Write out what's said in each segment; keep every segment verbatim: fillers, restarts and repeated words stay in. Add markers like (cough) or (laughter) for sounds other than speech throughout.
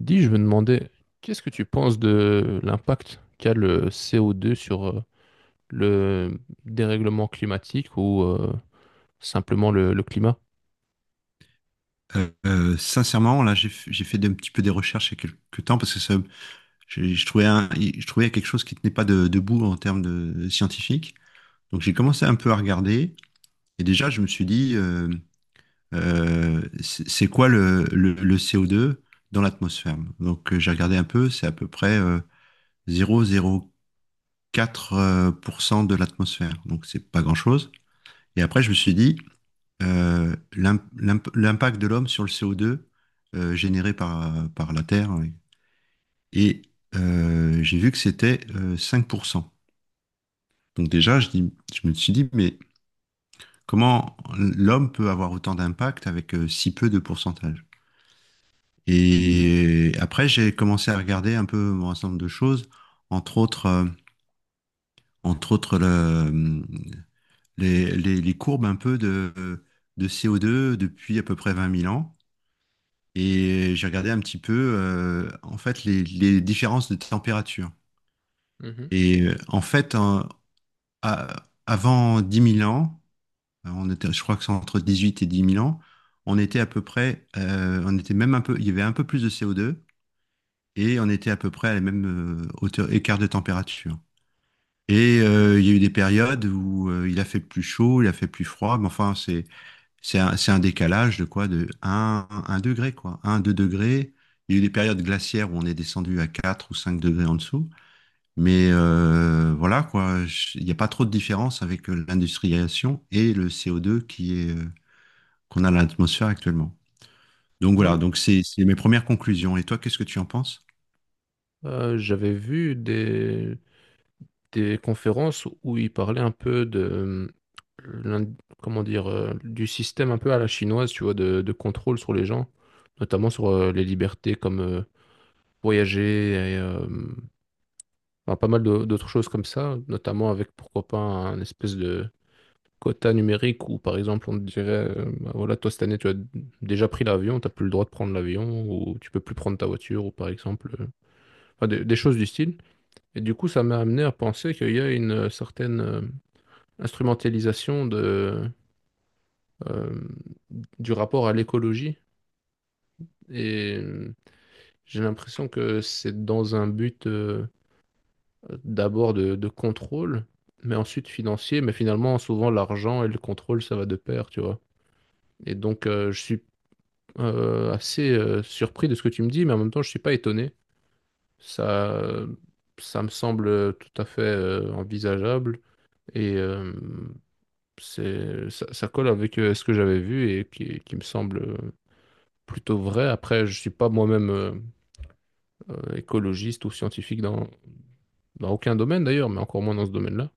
Dis, je me demandais, qu'est-ce que tu penses de l'impact qu'a le c o deux sur euh, le dérèglement climatique ou euh, simplement le, le climat? Euh, euh, sincèrement, là, j'ai f- j'ai fait un petit peu des recherches il y a quelques temps parce que ça, je, je trouvais un- je trouvais quelque chose qui tenait pas de, debout en termes de, scientifique. Donc j'ai commencé un peu à regarder et déjà je me suis dit, euh, euh, c'est c'est quoi le, le, le C O deux dans l'atmosphère? Donc euh, j'ai regardé un peu, c'est à peu près euh, zéro virgule zéro quatre pour cent euh, pour cent de l'atmosphère, donc c'est pas grand-chose. Et après je me suis dit, euh, l'im- l'imp- l'impact de l'homme sur le C O deux euh, généré par, par la Terre. Oui. Et euh, j'ai vu que c'était euh, cinq pour cent. Donc déjà, je dis, je me suis dit, mais comment l'homme peut avoir autant d'impact avec euh, si peu de pourcentage? Et après, j'ai commencé à regarder un peu un ensemble de choses, entre autres, euh, entre autres le- les, les- les courbes un peu de, de C O deux depuis à peu près vingt mille ans. Et j'ai regardé un petit peu, euh, en fait, les, les différences de température. Mhm. Et euh, en fait, en- à- avant dix mille ans, euh, on était, je crois que c'est entre dix huit et dix mille ans, on était à peu près, euh, on était même un peu, il y avait un peu plus de C O deux et on était à peu près à la même euh, hauteur, écart de température. Et euh, il y a eu des périodes où euh, il a fait plus chaud, il a fait plus froid, mais enfin, c'est C'est un, c'est un décalage de quoi? De un, un degré, quoi. Un deux degrés. Il y a eu des périodes glaciaires où on est descendu à quatre ou cinq degrés en dessous. Mais euh, voilà, quoi. Je- Il n'y a pas trop de différence avec euh, l'industrialisation et le C O deux qui est, euh, qu'on a dans l'atmosphère actuellement. Donc voilà, Oui. donc c'est c'est mes premières conclusions. Et toi, qu'est-ce que tu en penses? Euh, j'avais vu des, des conférences où ils parlaient un peu de euh, l'in- comment dire euh, du système un peu à la chinoise, tu vois, de, de contrôle sur les gens, notamment sur euh, les libertés comme euh, voyager et euh, enfin, pas mal d'au- d'autres choses comme ça, notamment avec pourquoi pas un espèce de quota numérique où, par exemple, on te dirait, euh, bah voilà, toi, cette année, tu as d- déjà pris l'avion, tu n'as plus le droit de prendre l'avion, ou tu peux plus prendre ta voiture, ou par exemple, euh, enfin, des, des choses du style. Et du coup, ça m'a amené à penser qu'il y a une euh, certaine euh, instrumentalisation de, euh, du rapport à l'écologie. Et euh, j'ai l'impression que c'est dans un but euh, d'abord de, de contrôle, mais ensuite financier. Mais finalement, souvent, l'argent et le contrôle, ça va de pair, tu vois. Et donc, euh, je suis euh, assez euh, surpris de ce que tu me dis, mais en même temps, je suis pas étonné. Ça, ça me semble tout à fait euh, envisageable et euh, c'est, ça, ça colle avec euh, ce que j'avais vu et qui, qui me semble euh, plutôt vrai. Après, je suis pas moi-même euh, euh, écologiste ou scientifique dans, dans aucun domaine d'ailleurs, mais encore moins dans ce domaine-là.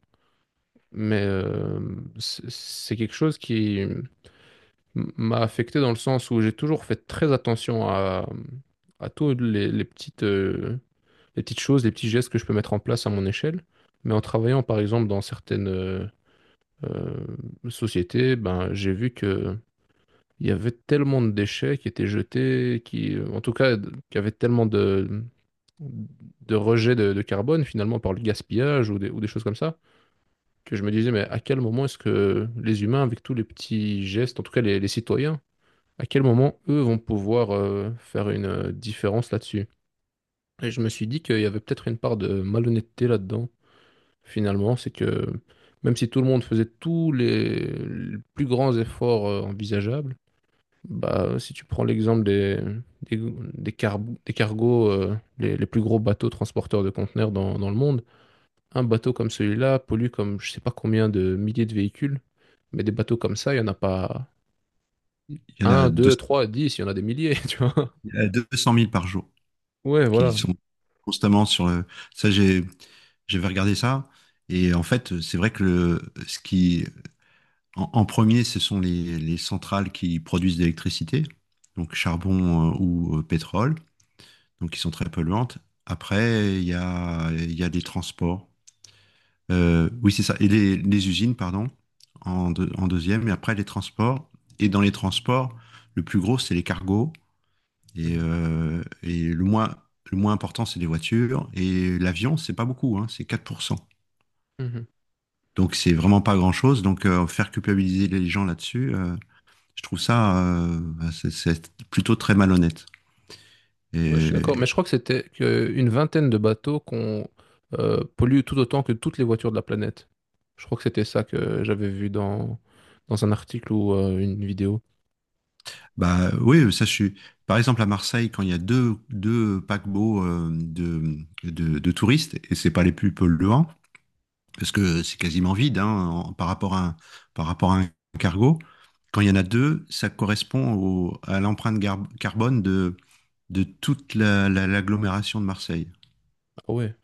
Mais euh, c'est c'est quelque chose qui m- m'a affecté dans le sens où j'ai toujours fait très attention à, à tous les, les petites, euh, les petites choses, les petits gestes que je peux mettre en place à mon échelle. Mais en travaillant, par exemple, dans certaines euh, euh, sociétés, ben, j'ai vu que il y avait tellement de déchets qui étaient jetés, qui, en tout cas, qui avaient tellement de, de rejet de, de carbone, finalement, par le gaspillage ou des, ou des choses comme ça, que je me disais, mais à quel moment est-ce que les humains, avec tous les petits gestes, en tout cas les, les citoyens, à quel moment eux vont pouvoir euh, faire une euh, différence là-dessus? Et je me suis dit qu'il y avait peut-être une part de malhonnêteté là-dedans. Finalement, c'est que même si tout le monde faisait tous les, les plus grands efforts euh, envisageables, bah, si tu prends l'exemple des, des, des, car- des cargos, euh, les, les plus gros bateaux transporteurs de conteneurs dans, dans le monde, un bateau comme celui-là pollue comme je sais pas combien de milliers de véhicules, mais des bateaux comme ça, il n'y en a pas Il y en a un, deux, trois, dix, il y en a des milliers, (laughs) tu vois. deux cents deux cent mille par jour Ouais, qui voilà. sont constamment sur le. Ça, j'ai, j'avais regardé ça. Et en fait, c'est vrai que le, ce qui, en, en premier, ce sont les, les centrales qui produisent de l'électricité, donc charbon euh, ou euh, pétrole. Donc qui sont très polluantes. Après, il y a, il y a des transports. Euh, oui, c'est ça. Et les, les usines, pardon, en, deux- en deuxième. Et après, les transports. Et dans les transports, le plus gros, c'est les cargos. Et, Mhm. euh, et le moins, le moins important, c'est les voitures. Et l'avion, c'est pas beaucoup, hein, c'est quatre pour cent. Mhm. Donc, c'est vraiment pas grand-chose. Donc, euh, faire culpabiliser les gens là-dessus, euh, je trouve ça euh, c'est c'est plutôt très malhonnête. Ouais, je suis d'accord, Et, mais je crois que c'était que une vingtaine de bateaux qu'on euh, pollue tout autant que toutes les voitures de la planète. Je crois que c'était ça que j'avais vu dans, dans un article ou euh, une vidéo. Bah oui, ça je suis. Par exemple, à Marseille, quand il y a deux, deux paquebots euh, de, de, de touristes, et c'est pas les plus polluants, parce que c'est quasiment vide hein, en- par rapport à un, par rapport à un cargo. Quand il y en a deux, ça correspond au, à l'empreinte gar- carbone de, de toute la, la- l'agglomération de Marseille. Ah ouais.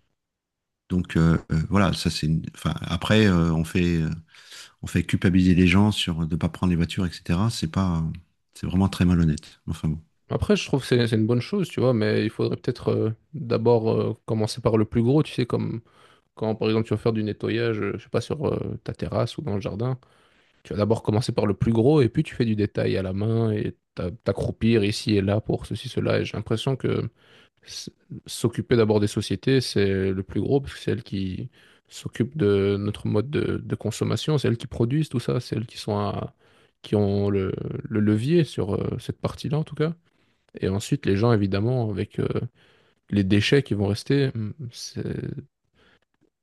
Donc euh, euh, voilà, ça c'est. une- Enfin, après, euh, on fait, euh, on fait culpabiliser les gens sur de ne pas prendre les voitures, et cetera. C'est pas, C'est vraiment très malhonnête. Enfin bon. Après, je trouve que c'est c'est une bonne chose, tu vois, mais il faudrait peut-être euh, d'abord euh, commencer par le plus gros, tu sais, comme quand par exemple tu vas faire du nettoyage, euh, je sais pas, sur euh, ta terrasse ou dans le jardin, tu vas d'abord commencer par le plus gros et puis tu fais du détail à la main et t'a- t'accroupir ici et là pour ceci, cela. Et j'ai l'impression que s- s'occuper d'abord des sociétés, c'est le plus gros, parce que c'est elles qui s'occupent de notre mode de, de consommation, c'est elles qui produisent tout ça, c'est elles qui sont à- qui ont le, le levier sur euh, cette partie-là, en tout cas. Et ensuite, les gens, évidemment, avec euh, les déchets qui vont rester, hum, c'est,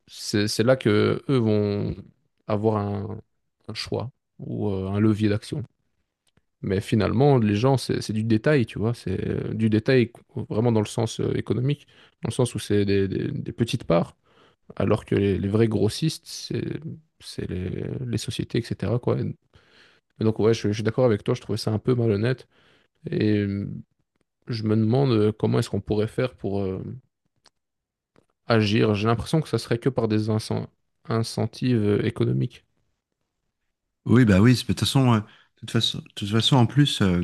c'est- c'est là que eux vont avoir un, un choix ou euh, un levier d'action. Mais finalement, les gens, c'est c'est du détail, tu vois. C'est euh, du détail co- vraiment dans le sens euh, économique, dans le sens où c'est des, des- des petites parts, alors que les, les vrais grossistes, c'est c'est les, les sociétés, et cetera, quoi. Et donc, ouais, je, je suis d'accord avec toi, je trouvais ça un peu malhonnête. Et euh, je me demande euh, comment est-ce qu'on pourrait faire pour euh, agir. J'ai l'impression que ça serait que par des incen- incentives euh, économiques. Oui, bah oui, c'est- de toute façon, euh, de toute façon, de toute façon, en plus, euh,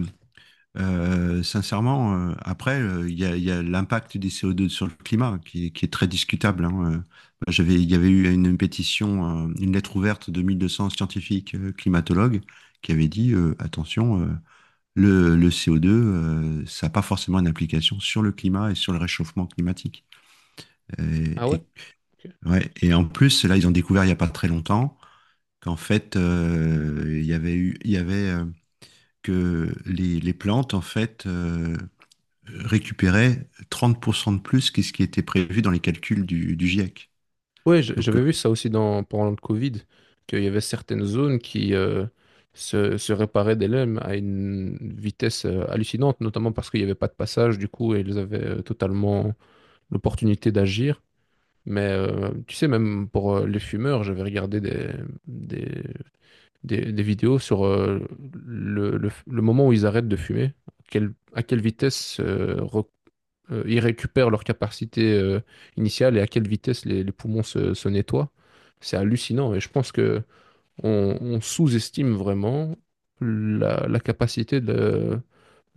euh, sincèrement, euh, après, euh, il y a, il y a l'impact des C O deux sur le climat qui, est qui est très discutable. Hein. euh. Bah, J'avais, il y avait eu une pétition, euh, une lettre ouverte de mille deux cents scientifiques euh, climatologues qui avaient dit, euh, attention, euh, le, le C O deux, euh, ça n'a pas forcément une application sur le climat et sur le réchauffement climatique. Et, Ah ouais? et, Ok. ouais, et en plus, là, ils ont découvert il n'y a pas très longtemps qu'en fait, euh, il y avait eu, il y avait euh, que les, les, plantes, en fait, euh, récupéraient trente pour cent de plus que ce qui était prévu dans les calculs du, du GIEC. Ouais, je- Donc, euh, j'avais vu ça aussi dans, pendant le Covid, qu'il y avait certaines zones qui euh, se, se réparaient des L E M à une vitesse euh, hallucinante, notamment parce qu'il n'y avait pas de passage, du coup, et ils avaient euh, totalement l'opportunité d'agir. Mais euh, tu sais, même pour euh, les fumeurs, j'avais regardé des, des, des, des vidéos sur euh, le, le, le moment où ils arrêtent de fumer, quelle- à quelle vitesse euh, re- euh, ils récupèrent leur capacité euh, initiale et à quelle vitesse les, les poumons se, se nettoient. C'est hallucinant et je pense que on, on sous-estime vraiment la, la capacité de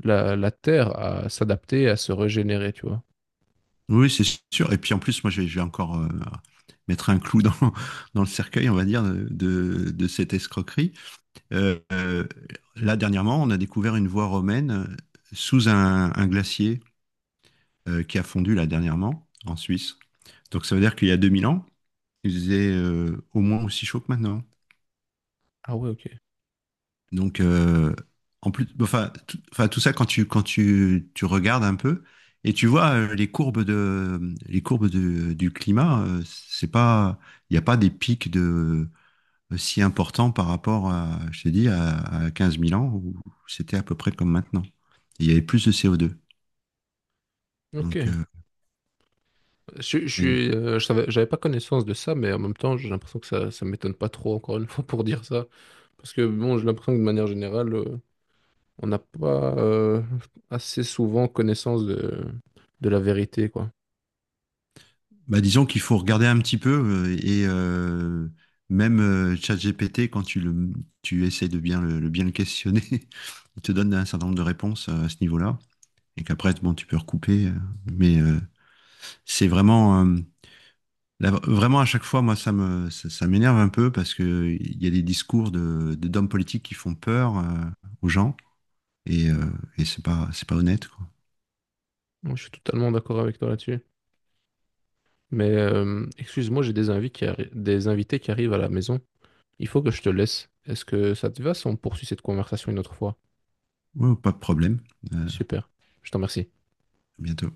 la, la Terre à s'adapter, à se régénérer, tu vois. oui, c'est sûr. Et puis en plus, moi, je vais, je vais encore euh, mettre un clou dans, (laughs) dans, le cercueil, on va dire, de, de cette escroquerie. Euh, euh, Là, dernièrement, on a découvert une voie romaine euh, sous un, un glacier euh, qui a fondu là dernièrement en Suisse. Donc ça veut dire qu'il y a deux mille ans, il faisait euh, au moins aussi chaud que maintenant. Ah ouais, ok. Donc euh, en plus, enfin tout, enfin, tout ça quand tu quand tu, tu regardes un peu et tu vois euh, les courbes de les courbes de- du climat, euh, c'est pas il n'y a pas des pics de si important par rapport à, je t'ai dit, à, à quinze mille ans, où c'était à peu près comme maintenant. Et il y avait plus de C O deux. Ok. Donc, euh, Je, je mais, suis, euh, Je savais, j'avais pas connaissance de ça, mais en même temps, j'ai l'impression que ça, ça m'étonne pas trop, encore une fois, pour dire ça. Parce que bon, j'ai l'impression que de manière générale, euh, on n'a pas euh, assez souvent connaissance de, de la vérité, quoi. bah, disons qu'il faut regarder un petit peu euh, et euh, même euh, ChatGPT, quand tu le, tu essaies de bien le, le- bien le questionner, (laughs) il te donne un certain nombre de réponses euh, à ce niveau-là. Et qu'après, bon, tu peux recouper. Euh, mais euh, c'est vraiment, euh, la- vraiment à chaque fois, moi, ça me, ça, ça m'énerve un peu parce que il y a des discours de, de- d'hommes politiques qui font peur euh, aux gens. Et, euh, et c'est pas, c'est pas honnête, quoi. Moi, je suis totalement d'accord avec toi là-dessus. Mais euh, excuse-moi, j'ai des invités qui arri- des invités qui arrivent à la maison. Il faut que je te laisse. Est-ce que ça te va si on poursuit cette conversation une autre fois? Ouais, pas de problème. Euh, Super. Je t'en remercie. à bientôt.